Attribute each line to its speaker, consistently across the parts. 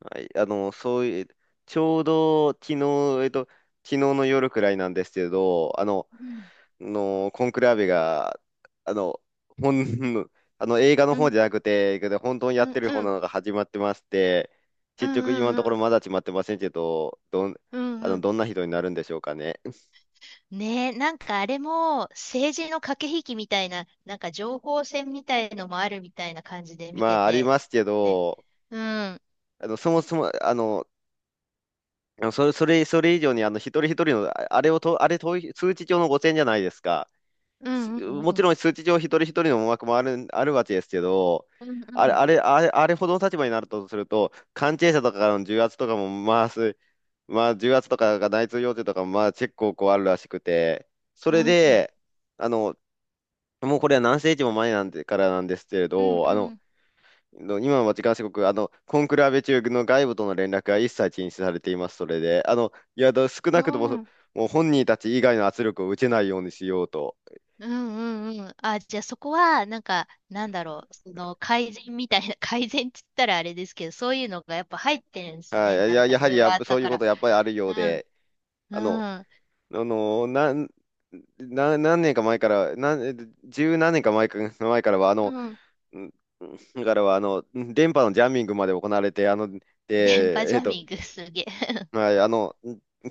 Speaker 1: はい、そういう、ちょうど昨日、えっと、昨日の夜くらいなんですけど、あの、
Speaker 2: うん、
Speaker 1: のコンクラーベが、あの、ほん、あの映画の
Speaker 2: う
Speaker 1: 方じ
Speaker 2: ん、
Speaker 1: ゃなくて、けど本当にや
Speaker 2: う
Speaker 1: っ
Speaker 2: ん、
Speaker 1: てる
Speaker 2: う
Speaker 1: 方な
Speaker 2: ん、
Speaker 1: のが始まってまして、
Speaker 2: う
Speaker 1: 結局今の
Speaker 2: ん、
Speaker 1: とこ
Speaker 2: う
Speaker 1: ろ
Speaker 2: ん、
Speaker 1: まだ決まってませんけど、
Speaker 2: うん、うん。
Speaker 1: どんな人になるんでしょうかね。
Speaker 2: ねえ、なんかあれも政治の駆け引きみたいな、なんか情報戦みたいのもあるみたいな感じで見て
Speaker 1: まあ、あり
Speaker 2: て。
Speaker 1: ますけ
Speaker 2: ね。
Speaker 1: ど、
Speaker 2: うん、
Speaker 1: そもそも、それ以上に、一人一人の、ああれをと、あれ、統一通知帳の5,000じゃないですか。
Speaker 2: うん、うん、
Speaker 1: も
Speaker 2: う
Speaker 1: ち
Speaker 2: ん、
Speaker 1: ろん数値上一人一人の思惑もあるわけですけど、
Speaker 2: うん、
Speaker 1: あ
Speaker 2: う
Speaker 1: れ、
Speaker 2: ん、
Speaker 1: あれ、あれ、あれほどの立場になるとすると、関係者とかからの重圧とかも、まあ、まあ、重圧とかが内通要請とかも、まあ、結構こうあるらしくて、そ
Speaker 2: う
Speaker 1: れ
Speaker 2: ん、うん、
Speaker 1: で、あの、もうこれは何世紀も前なんで、からなんですけれ
Speaker 2: うん、う
Speaker 1: ど、
Speaker 2: ん、
Speaker 1: 今は時間すごく、コンクラベ中の外部との連絡が一切禁止されています、それで。いや、少
Speaker 2: う
Speaker 1: なくとも、
Speaker 2: ん、
Speaker 1: もう本人たち以外の圧力を受けないようにしようと。
Speaker 2: うん、うん。あ、じゃあそこは、なんだろう、その改善みたいな、改善って言ったらあれですけど、そういうのがやっぱ入ってるんです
Speaker 1: は
Speaker 2: ね。
Speaker 1: い、い
Speaker 2: なん
Speaker 1: や、
Speaker 2: か
Speaker 1: や
Speaker 2: い
Speaker 1: はり
Speaker 2: ろい
Speaker 1: や
Speaker 2: ろ
Speaker 1: っ
Speaker 2: あ
Speaker 1: ぱ、
Speaker 2: った
Speaker 1: そういう
Speaker 2: か
Speaker 1: こ
Speaker 2: ら。
Speaker 1: とやっぱりあるよ
Speaker 2: う
Speaker 1: う
Speaker 2: ん、
Speaker 1: で、あの、
Speaker 2: うん、
Speaker 1: あの、なん、な、何年か前から、十何年か前か、前からは、
Speaker 2: うん、
Speaker 1: んからは、電波のジャミングまで行われて、あの、
Speaker 2: 電波
Speaker 1: で、
Speaker 2: ジ
Speaker 1: えっ
Speaker 2: ャ
Speaker 1: と、
Speaker 2: ミングすげえ。
Speaker 1: はい、あの、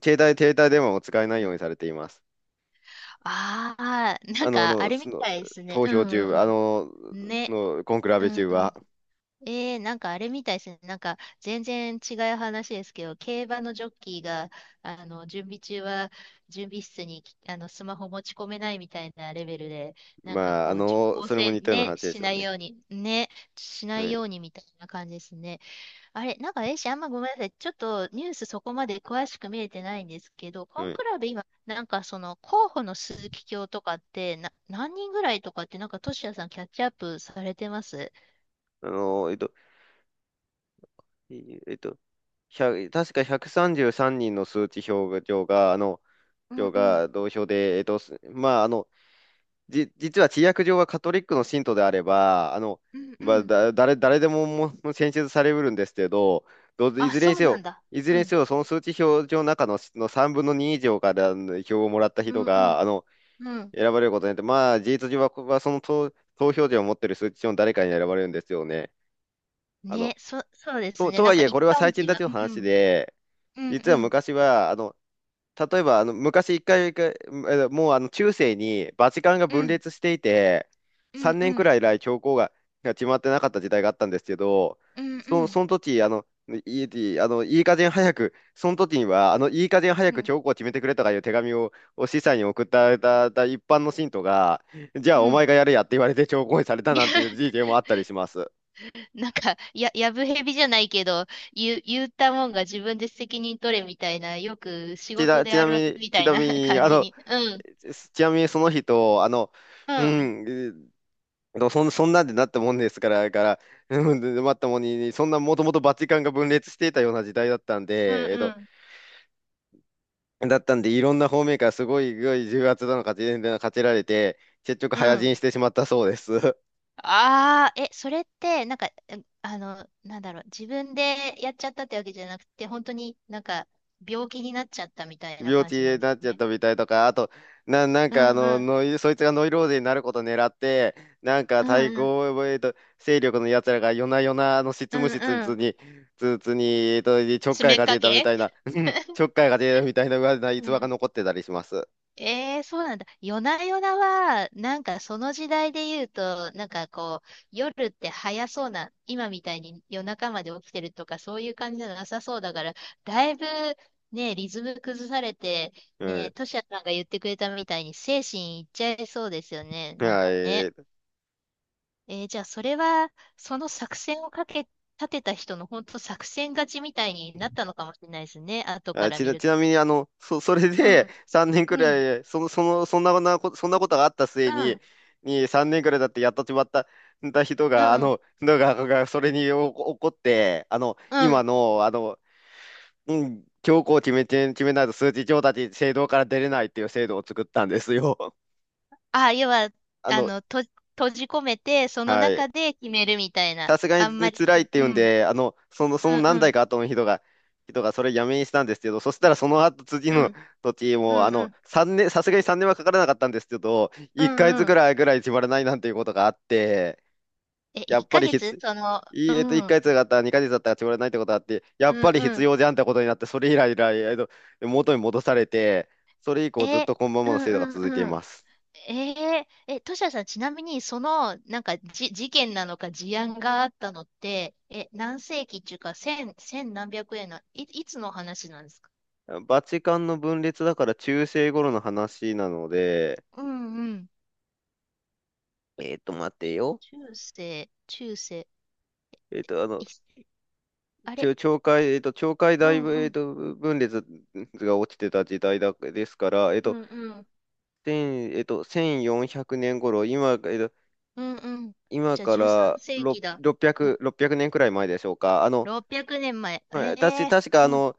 Speaker 1: 携帯、携帯電話を使えない
Speaker 2: う
Speaker 1: よう
Speaker 2: ん。
Speaker 1: にされています。
Speaker 2: ああ、なん
Speaker 1: あの、
Speaker 2: かあ
Speaker 1: の、
Speaker 2: れ
Speaker 1: そ
Speaker 2: み
Speaker 1: の、
Speaker 2: たいですね。
Speaker 1: 投
Speaker 2: う
Speaker 1: 票中、
Speaker 2: んうん。ね。
Speaker 1: コンクラ
Speaker 2: う
Speaker 1: ベ
Speaker 2: ん
Speaker 1: 中
Speaker 2: う
Speaker 1: は、
Speaker 2: ん。なんかあれみたいですね。なんか全然違う話ですけど、競馬のジョッキーが、準備中は準備室にあのスマホ持ち込めないみたいなレベルで、なんか
Speaker 1: まあ、
Speaker 2: こう、情報
Speaker 1: それも似
Speaker 2: 戦
Speaker 1: たような
Speaker 2: ね、
Speaker 1: 話で
Speaker 2: し
Speaker 1: すよ
Speaker 2: ない
Speaker 1: ね。
Speaker 2: ように、ね、しな
Speaker 1: は
Speaker 2: いよ
Speaker 1: い、
Speaker 2: うにみたいな感じですね。あれ、あんまごめんなさい。ちょっとニュースそこまで詳しく見れてないんですけど、コ
Speaker 1: は
Speaker 2: ン
Speaker 1: い。
Speaker 2: クラベ今、なんかその候補の鈴木卿とかって、何人ぐらいとかって、なんか、トシヤさんキャッチアップされてます
Speaker 1: あの、えっと、えっと、1確か133人の数値表上が、
Speaker 2: う
Speaker 1: 表
Speaker 2: んうん。
Speaker 1: が同票で、まあ、実は治薬上はカトリックの信徒であれば、
Speaker 2: うん
Speaker 1: ま
Speaker 2: う
Speaker 1: あ、
Speaker 2: ん。
Speaker 1: 誰でも、選出されうるんですけど、い
Speaker 2: あ、
Speaker 1: ずれ
Speaker 2: そ
Speaker 1: に
Speaker 2: う
Speaker 1: せ
Speaker 2: なん
Speaker 1: よ、
Speaker 2: だ。うん。
Speaker 1: その数値表上の中の、3分の2以上から票をもらった
Speaker 2: う
Speaker 1: 人
Speaker 2: んうん
Speaker 1: が、
Speaker 2: うん。
Speaker 1: 選ばれることによって、まあ、事実上は、ここはその投票権を持っている数値上の誰かに選ばれるんですよね。あの
Speaker 2: そうです
Speaker 1: と、
Speaker 2: ね。なん
Speaker 1: はい
Speaker 2: か
Speaker 1: え、
Speaker 2: 一
Speaker 1: これは
Speaker 2: 般
Speaker 1: 最近
Speaker 2: 人
Speaker 1: たち
Speaker 2: は、
Speaker 1: の
Speaker 2: う
Speaker 1: 話
Speaker 2: ん
Speaker 1: で、
Speaker 2: うんう
Speaker 1: 実は
Speaker 2: ん
Speaker 1: 昔は、例えば、あの、昔一回、一回もう、中世にバチカンが
Speaker 2: う
Speaker 1: 分
Speaker 2: ん
Speaker 1: 裂していて、
Speaker 2: うん
Speaker 1: 3
Speaker 2: う
Speaker 1: 年く
Speaker 2: ん
Speaker 1: らい以来教皇が、決まってなかった時代があったんですけど、
Speaker 2: うんう
Speaker 1: そ
Speaker 2: ん
Speaker 1: の時、あの、いい、あの、いい加減早く、その時には、あの、いい加減早
Speaker 2: う
Speaker 1: く
Speaker 2: ん
Speaker 1: 教皇を決めてくれとかいう手紙を、司祭に送った一般の信徒が、じゃあ
Speaker 2: う
Speaker 1: お前
Speaker 2: ん。
Speaker 1: がやれやって言われて教皇にされたなんていう事 件もあったりします。
Speaker 2: やぶへびじゃないけど、言ったもんが自分で責任取れみたいな、よく仕事で
Speaker 1: ち
Speaker 2: あ
Speaker 1: な
Speaker 2: る
Speaker 1: み
Speaker 2: ある
Speaker 1: に、
Speaker 2: み
Speaker 1: ち
Speaker 2: たい
Speaker 1: な
Speaker 2: な
Speaker 1: み に、
Speaker 2: 感
Speaker 1: あ
Speaker 2: じ
Speaker 1: の、
Speaker 2: に。うん。
Speaker 1: ちなみにその人、あの、
Speaker 2: う
Speaker 1: う
Speaker 2: ん。
Speaker 1: ん、えーそん、そんなんでなったもんですから、から、うん、でまったもんに、そんなもともとバチカンが分裂していたような時代だったん
Speaker 2: うん
Speaker 1: で、
Speaker 2: うん。
Speaker 1: だったんで、いろんな方面からすごい重圧なのか、勝ちられて、結局、
Speaker 2: う
Speaker 1: 早死
Speaker 2: ん。
Speaker 1: にしてしまったそうです。
Speaker 2: それって、あの、なんだろう、自分でやっちゃったってわけじゃなくて、本当になんか、病気になっちゃったみたいな
Speaker 1: 病
Speaker 2: 感
Speaker 1: 気
Speaker 2: じな
Speaker 1: に
Speaker 2: んです
Speaker 1: なっちゃっ
Speaker 2: ね。
Speaker 1: たみたいとか、あと、なん
Speaker 2: う
Speaker 1: か
Speaker 2: んうん。
Speaker 1: そいつがノイローゼになることを狙って、なんか
Speaker 2: う
Speaker 1: 対
Speaker 2: んうん。
Speaker 1: 抗、勢力のやつらが夜な夜なあの執
Speaker 2: う
Speaker 1: 務
Speaker 2: ん
Speaker 1: 室に、
Speaker 2: うん。
Speaker 1: つつに、えっと、ちょっかい
Speaker 2: 詰め
Speaker 1: か
Speaker 2: か
Speaker 1: けたみ
Speaker 2: け
Speaker 1: たいな、うん ちょっかいかけたみたいな、うわな
Speaker 2: う
Speaker 1: 逸話が
Speaker 2: ん
Speaker 1: 残ってたりします。
Speaker 2: ええそうなんだ。夜な夜なは、なんかその時代で言うと、なんかこう、夜って早そうな、今みたいに夜中まで起きてるとか、そういう感じじゃなさそうだから、だいぶね、リズム崩されて、
Speaker 1: う
Speaker 2: ね、
Speaker 1: ん。
Speaker 2: トシヤさんが言ってくれたみたいに精神いっちゃいそうですよね。なんか
Speaker 1: は
Speaker 2: ね。
Speaker 1: い。
Speaker 2: えーじゃあそれは、その作戦をかけ、立てた人の本当作戦勝ちみたいになったのかもしれないですね。後か
Speaker 1: あ、
Speaker 2: ら見る
Speaker 1: ち
Speaker 2: と。
Speaker 1: なみに、あの、そ、それ
Speaker 2: う
Speaker 1: で
Speaker 2: ん、
Speaker 1: 3年く
Speaker 2: うん、
Speaker 1: らい、そんなことがあった
Speaker 2: う
Speaker 1: 末に、
Speaker 2: ん、
Speaker 1: 3年くらいだってやっとしまった、人
Speaker 2: う
Speaker 1: が、あ
Speaker 2: ん、
Speaker 1: の、のが、がそれにお怒って、あの、
Speaker 2: う
Speaker 1: 今
Speaker 2: ん。
Speaker 1: の、あの、うん、強行を決めて、決めないと数値上達制度から出れないっていう制度を作ったんですよ。
Speaker 2: あ、要は、
Speaker 1: あ
Speaker 2: あ
Speaker 1: の、
Speaker 2: の、と、閉じ込めて、その
Speaker 1: はい。
Speaker 2: 中で決めるみたいな。
Speaker 1: さすが
Speaker 2: あんま
Speaker 1: に
Speaker 2: り
Speaker 1: 辛
Speaker 2: そ、
Speaker 1: いって
Speaker 2: う
Speaker 1: 言うん
Speaker 2: ん。
Speaker 1: で、その
Speaker 2: うんう
Speaker 1: 何代
Speaker 2: ん。
Speaker 1: か後の人がそれやめにしたんですけど、そしたらその後次
Speaker 2: うん。
Speaker 1: の時
Speaker 2: うん
Speaker 1: も、
Speaker 2: うん。
Speaker 1: さすがに3年はかからなかったんですけど、
Speaker 2: う
Speaker 1: 1ヶ
Speaker 2: ん
Speaker 1: 月
Speaker 2: うん。
Speaker 1: ぐらい決まらないなんていうことがあって、
Speaker 2: え、
Speaker 1: やっ
Speaker 2: 1
Speaker 1: ぱり
Speaker 2: ヶ月
Speaker 1: 必、
Speaker 2: その、
Speaker 1: い
Speaker 2: う
Speaker 1: えっと、1
Speaker 2: ん。うん
Speaker 1: ヶ月だったら2ヶ月だったら決まらないってことがあって、やっ
Speaker 2: う
Speaker 1: ぱり必
Speaker 2: ん。
Speaker 1: 要じゃんってことになって、それ以来以来、元に戻されて、それ以降ずっ
Speaker 2: え、う
Speaker 1: とこのままの
Speaker 2: ん
Speaker 1: 制度が続
Speaker 2: う
Speaker 1: いて
Speaker 2: ん
Speaker 1: い
Speaker 2: う
Speaker 1: ま
Speaker 2: ん。
Speaker 1: す。
Speaker 2: えー、え、トシヤさん、ちなみに、その、事件なのか、事案があったのって、え、何世紀っていうか、千何百円の、いつの話なんですか
Speaker 1: バチカンの分裂だから中世頃の話なので、
Speaker 2: うんうん。
Speaker 1: えっと、待てよ。
Speaker 2: 中世、
Speaker 1: えっと、あの、
Speaker 2: い、あれ、
Speaker 1: 懲戒、懲戒
Speaker 2: う
Speaker 1: 大
Speaker 2: ん
Speaker 1: 分、
Speaker 2: うん、
Speaker 1: 分裂が落ちてた時代だ、ですから、えっ
Speaker 2: う
Speaker 1: と、
Speaker 2: んうん。
Speaker 1: 千、えっと、1400年頃、今、
Speaker 2: うんうん。
Speaker 1: 今
Speaker 2: じゃあ
Speaker 1: か
Speaker 2: 13
Speaker 1: ら
Speaker 2: 世紀だ。うん。
Speaker 1: 600、6 0年ねんくらい前でしょうか。
Speaker 2: 600年前。え
Speaker 1: まあ
Speaker 2: え
Speaker 1: 確か、
Speaker 2: うん。
Speaker 1: の、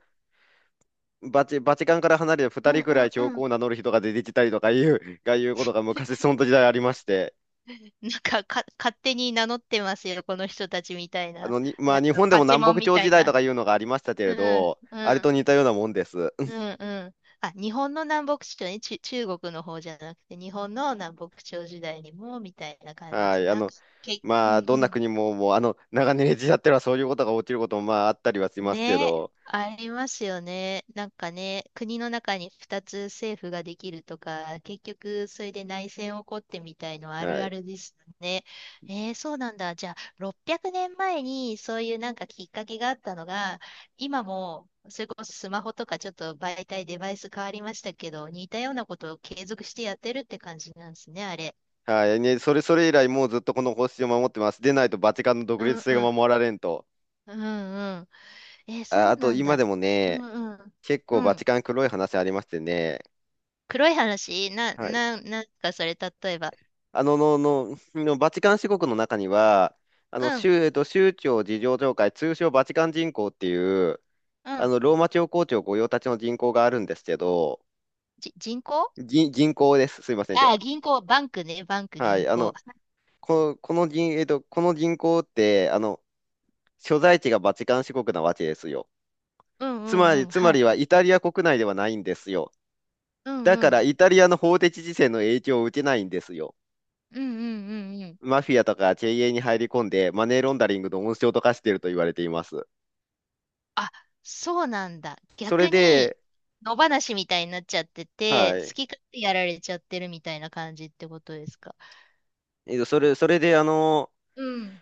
Speaker 1: バチ、バチカンから離れて
Speaker 2: う
Speaker 1: 2
Speaker 2: ん
Speaker 1: 人く
Speaker 2: う
Speaker 1: らい
Speaker 2: んう
Speaker 1: 教皇
Speaker 2: ん。
Speaker 1: を名乗る人が出てきたりとかいう、いうことが昔、その時代ありまして、
Speaker 2: 勝手に名乗ってますよ、この人たちみたいな。
Speaker 1: ま
Speaker 2: な
Speaker 1: あ、
Speaker 2: ん
Speaker 1: 日
Speaker 2: か、
Speaker 1: 本で
Speaker 2: パ
Speaker 1: も
Speaker 2: チ
Speaker 1: 南
Speaker 2: モン
Speaker 1: 北
Speaker 2: み
Speaker 1: 朝
Speaker 2: た
Speaker 1: 時
Speaker 2: い
Speaker 1: 代と
Speaker 2: な。
Speaker 1: かいうのがありましたけれ
Speaker 2: うん、
Speaker 1: ど、
Speaker 2: う
Speaker 1: あれと
Speaker 2: ん、
Speaker 1: 似たようなもんです。
Speaker 2: うん、うん。あ、日本の南北朝ね、中国の方じゃなくて、日本の南北朝時代にも、みたいな感じで
Speaker 1: は
Speaker 2: す。
Speaker 1: い。
Speaker 2: う
Speaker 1: まあ、
Speaker 2: んう
Speaker 1: どんな
Speaker 2: ん。
Speaker 1: 国も、もう、長年ジじ合ってはそういうことが起きることも、まあ、あったりはしますけ
Speaker 2: ね、
Speaker 1: ど、
Speaker 2: ありますよね。なんかね、国の中に2つ政府ができるとか、結局それで内戦起こってみたいのあ
Speaker 1: は
Speaker 2: るあ
Speaker 1: い。
Speaker 2: るですね。えー、そうなんだ。じゃあ、600年前にそういうなんかきっかけがあったのが、今も、それこそスマホとかちょっと媒体、デバイス変わりましたけど、似たようなことを継続してやってるって感じなんですね、あれ。
Speaker 1: はい。ね、それ以来、もうずっとこの方針を守ってます。でないと、バチカンの独
Speaker 2: う
Speaker 1: 立
Speaker 2: ん
Speaker 1: 性
Speaker 2: う
Speaker 1: が
Speaker 2: ん。
Speaker 1: 守られんと。
Speaker 2: うんうん。えー、そ
Speaker 1: あ、
Speaker 2: う
Speaker 1: あと、
Speaker 2: なん
Speaker 1: 今
Speaker 2: だ。
Speaker 1: でも
Speaker 2: う
Speaker 1: ね、
Speaker 2: んうん。
Speaker 1: 結
Speaker 2: う
Speaker 1: 構バ
Speaker 2: ん。
Speaker 1: チカン黒い話ありましてね、
Speaker 2: 黒い話な、
Speaker 1: はい。
Speaker 2: な、なんかそれ、例えば。
Speaker 1: あの、の、の、のバチカン四国の中には、あの、
Speaker 2: うん、
Speaker 1: 宗、えっと、宗教事情協会、通称バチカン人口っていう、
Speaker 2: うん。
Speaker 1: ローマ教皇庁御用達の人口があるんですけど、
Speaker 2: 人行？
Speaker 1: 人口です。すいません。
Speaker 2: ああ、銀行、バンクね、バンク、
Speaker 1: はい、
Speaker 2: 銀行。
Speaker 1: この銀、えっと、この銀行って、所在地がバチカン市国なわけですよ。
Speaker 2: うんうんうん、
Speaker 1: つ
Speaker 2: は
Speaker 1: ま
Speaker 2: い。
Speaker 1: りはイタリア国内ではないんですよ。
Speaker 2: うん
Speaker 1: だ
Speaker 2: う
Speaker 1: から、
Speaker 2: ん。
Speaker 1: イタリアの法的事線の影響を受けないんですよ。
Speaker 2: うんうんうんうん。
Speaker 1: マフィアとか経営に入り込んで、マネーロンダリングの温床と化していると言われています。
Speaker 2: あ、そうなんだ。
Speaker 1: それ
Speaker 2: 逆に、
Speaker 1: で、
Speaker 2: 野放しみたいになっちゃってて、
Speaker 1: は
Speaker 2: 好
Speaker 1: い。
Speaker 2: き勝手やられちゃってるみたいな感じってことですか。
Speaker 1: それで、あの、
Speaker 2: うん、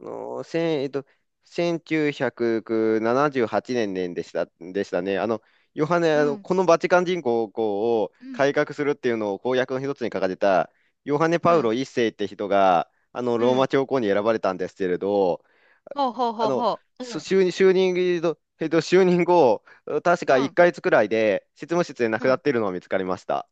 Speaker 1: あの、千、えっと、1978年でしたね。あの、ヨハネ、
Speaker 2: う
Speaker 1: あの、
Speaker 2: ん、
Speaker 1: このバチカン人口を
Speaker 2: うん、
Speaker 1: 改革するっていうのを公約の一つに掲げた、ヨハネ・
Speaker 2: う
Speaker 1: パウロ
Speaker 2: ん、
Speaker 1: 一世って人が、
Speaker 2: う
Speaker 1: ローマ
Speaker 2: ん。
Speaker 1: 教皇に選ばれたんですけれど、
Speaker 2: ほうほう
Speaker 1: あ
Speaker 2: ほう
Speaker 1: の、
Speaker 2: ほう。うん、
Speaker 1: 就任、就任後、確
Speaker 2: う
Speaker 1: か1
Speaker 2: ん、
Speaker 1: ヶ月くらいで執務室で亡
Speaker 2: う
Speaker 1: くなっ
Speaker 2: ん。
Speaker 1: ているのが見つかりました。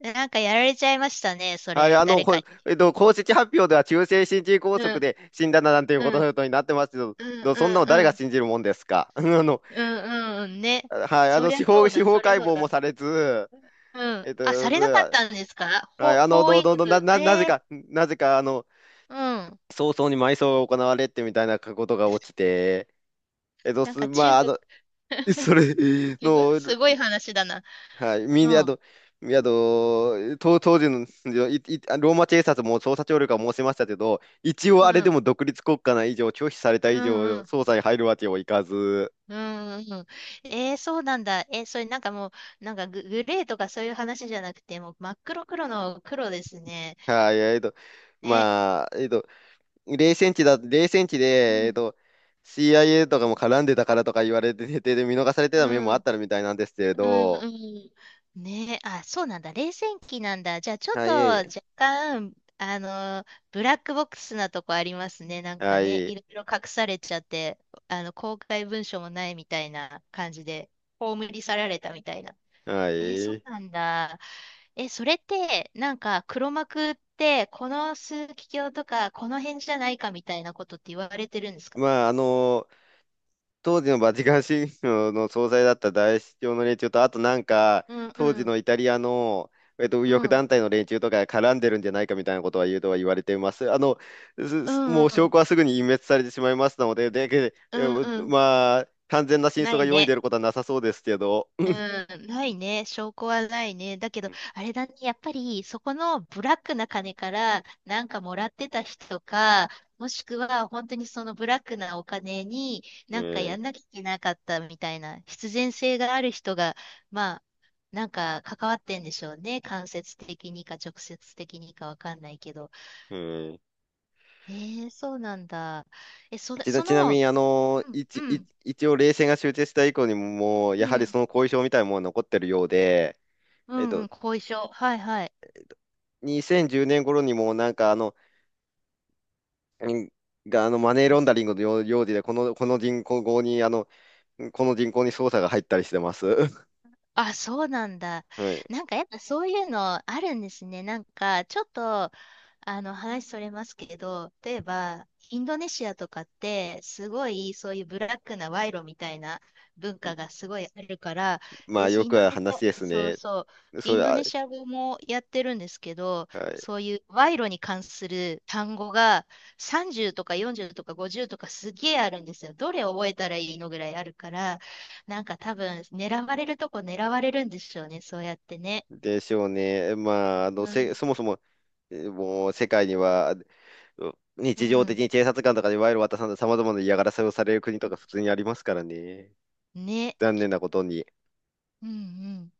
Speaker 2: なんかやられちゃいましたね、そ
Speaker 1: はい、
Speaker 2: れ、誰かに。
Speaker 1: 公式発表では急性心筋梗
Speaker 2: う
Speaker 1: 塞
Speaker 2: ん、
Speaker 1: で死んだなんていうこ
Speaker 2: うん。
Speaker 1: とになってますけど、
Speaker 2: うんう
Speaker 1: そんな
Speaker 2: ん
Speaker 1: の誰
Speaker 2: う
Speaker 1: が
Speaker 2: ん。
Speaker 1: 信じるもんですか。
Speaker 2: うんうんね。
Speaker 1: はい、
Speaker 2: そりゃそう
Speaker 1: 司
Speaker 2: だ、
Speaker 1: 法
Speaker 2: そりゃ
Speaker 1: 解
Speaker 2: そう
Speaker 1: 剖も
Speaker 2: だ。
Speaker 1: されず、
Speaker 2: うん。
Speaker 1: えっ
Speaker 2: さ
Speaker 1: と、
Speaker 2: れなかっ
Speaker 1: ず
Speaker 2: たんですか
Speaker 1: は
Speaker 2: ほ、
Speaker 1: い、あの、
Speaker 2: 法
Speaker 1: ど、
Speaker 2: 医
Speaker 1: ど、ど、な、
Speaker 2: 学。
Speaker 1: な、なぜ
Speaker 2: ええ
Speaker 1: か、
Speaker 2: うん。
Speaker 1: 早々に埋葬が行われてみたいなことが起きて、えっと、
Speaker 2: なん
Speaker 1: す、
Speaker 2: か中
Speaker 1: まあ、あ
Speaker 2: 国、
Speaker 1: の、それ
Speaker 2: すごい、
Speaker 1: の、
Speaker 2: すごい話だな。
Speaker 1: はい。み
Speaker 2: う
Speaker 1: んな、あ
Speaker 2: ん。
Speaker 1: と、当時のローマ警察も捜査協力は申しましたけど、一応
Speaker 2: う
Speaker 1: あれで
Speaker 2: ん。
Speaker 1: も独立国家な以上、拒否された
Speaker 2: う
Speaker 1: 以
Speaker 2: ん
Speaker 1: 上、
Speaker 2: うん。
Speaker 1: 捜査に入るわけにはいかず、
Speaker 2: うんうんうん。えー、そうなんだ。えーそれなんかもう、グレーとかそういう話じゃなくて、もう真っ黒黒の黒ですね。
Speaker 1: はい、
Speaker 2: ね。
Speaker 1: まあ、えっと、冷戦地
Speaker 2: う
Speaker 1: で、
Speaker 2: ん。
Speaker 1: CIA とかも絡んでたからとか言われてて、で、見逃されて
Speaker 2: う
Speaker 1: た面もあっ
Speaker 2: ん。
Speaker 1: たみたいなんですけれ
Speaker 2: うん
Speaker 1: ど、
Speaker 2: うん。ねえ、あ、そうなんだ。冷戦期なんだ。じゃあ、ちょっ
Speaker 1: は
Speaker 2: と
Speaker 1: い、
Speaker 2: 若干、ブラックボックスなとこありますね。なんか
Speaker 1: は
Speaker 2: ね、い
Speaker 1: い、
Speaker 2: ろいろ隠されちゃって、公開文書もないみたいな感じで、葬り去られたみたいな。
Speaker 1: は
Speaker 2: え、そ
Speaker 1: い。
Speaker 2: うなんだ。え、それって、なんか、黒幕って、この枢機卿とか、この辺じゃないかみたいなことって言われてるんですか
Speaker 1: まあ、当時のバチカン市場の総裁だった大司教の連中と、あとなんか、
Speaker 2: うんう
Speaker 1: 当時
Speaker 2: ん。
Speaker 1: のイタリアの、右
Speaker 2: う
Speaker 1: 翼
Speaker 2: ん。
Speaker 1: 団体の連中とかが絡んでるんじゃないかみたいなことは言われています。
Speaker 2: う
Speaker 1: も
Speaker 2: んう
Speaker 1: う証
Speaker 2: ん。
Speaker 1: 拠はすぐに隠滅されてしまいますので、で、で
Speaker 2: う
Speaker 1: え
Speaker 2: んうん。
Speaker 1: まあ、完全な真
Speaker 2: な
Speaker 1: 相が
Speaker 2: い
Speaker 1: 世に
Speaker 2: ね。
Speaker 1: 出ることはなさそうですけど。
Speaker 2: うん、ないね。証拠はないね。だけ
Speaker 1: う
Speaker 2: ど、
Speaker 1: ん
Speaker 2: あれだね。やっぱり、そこのブラックな金から、なんかもらってた人か、もしくは、本当にそのブラックなお金に、なんかや
Speaker 1: ええ
Speaker 2: んなきゃいけなかったみたいな、必然性がある人が、まあ、なんか関わってんでしょうね。間接的にか、直接的にかわかんないけど。
Speaker 1: うん
Speaker 2: えー、そうなんだ。え、それ、そ
Speaker 1: ちなみ
Speaker 2: の、
Speaker 1: に、
Speaker 2: うん、うん、
Speaker 1: 一応、冷戦が終結した以降にも、もう
Speaker 2: う
Speaker 1: やはり
Speaker 2: ん、
Speaker 1: その後遺症みたいなものは残ってるようで、
Speaker 2: う
Speaker 1: えっ
Speaker 2: ん、う
Speaker 1: と、
Speaker 2: ん、後遺症。はい、はい。
Speaker 1: 2010年頃にも、なんか、あの、うんが、あの、マネーロンダリングの用事で、この人口に、捜査が入ったりしてます。
Speaker 2: あ、そうなんだ。
Speaker 1: はい。
Speaker 2: なんかやっぱそういうのあるんですね。なんかちょっと、あの、話それますけど、例えば、インドネシアとかって、すごい、そういうブラックな賄賂みたいな文化がすごいあるから、
Speaker 1: まあ、
Speaker 2: 私、
Speaker 1: よくある話ですね。そ
Speaker 2: イン
Speaker 1: れ
Speaker 2: ド
Speaker 1: は、
Speaker 2: ネシア語もやってるんですけど、
Speaker 1: はい。
Speaker 2: そういう賄賂に関する単語が30とか40とか50とかすげえあるんですよ。どれ覚えたらいいのぐらいあるから、なんか多分、狙われるとこ狙われるんでしょうね、そうやってね。
Speaker 1: でしょうね。まあ、
Speaker 2: うん、
Speaker 1: そもそも、もう、世界には、う
Speaker 2: う
Speaker 1: 日常的
Speaker 2: ん、
Speaker 1: に警察官とかに賄賂を渡さんと様々な嫌がらせをされる国とか普通にありますからね。
Speaker 2: ね、
Speaker 1: 残念なことに。
Speaker 2: うん、うん。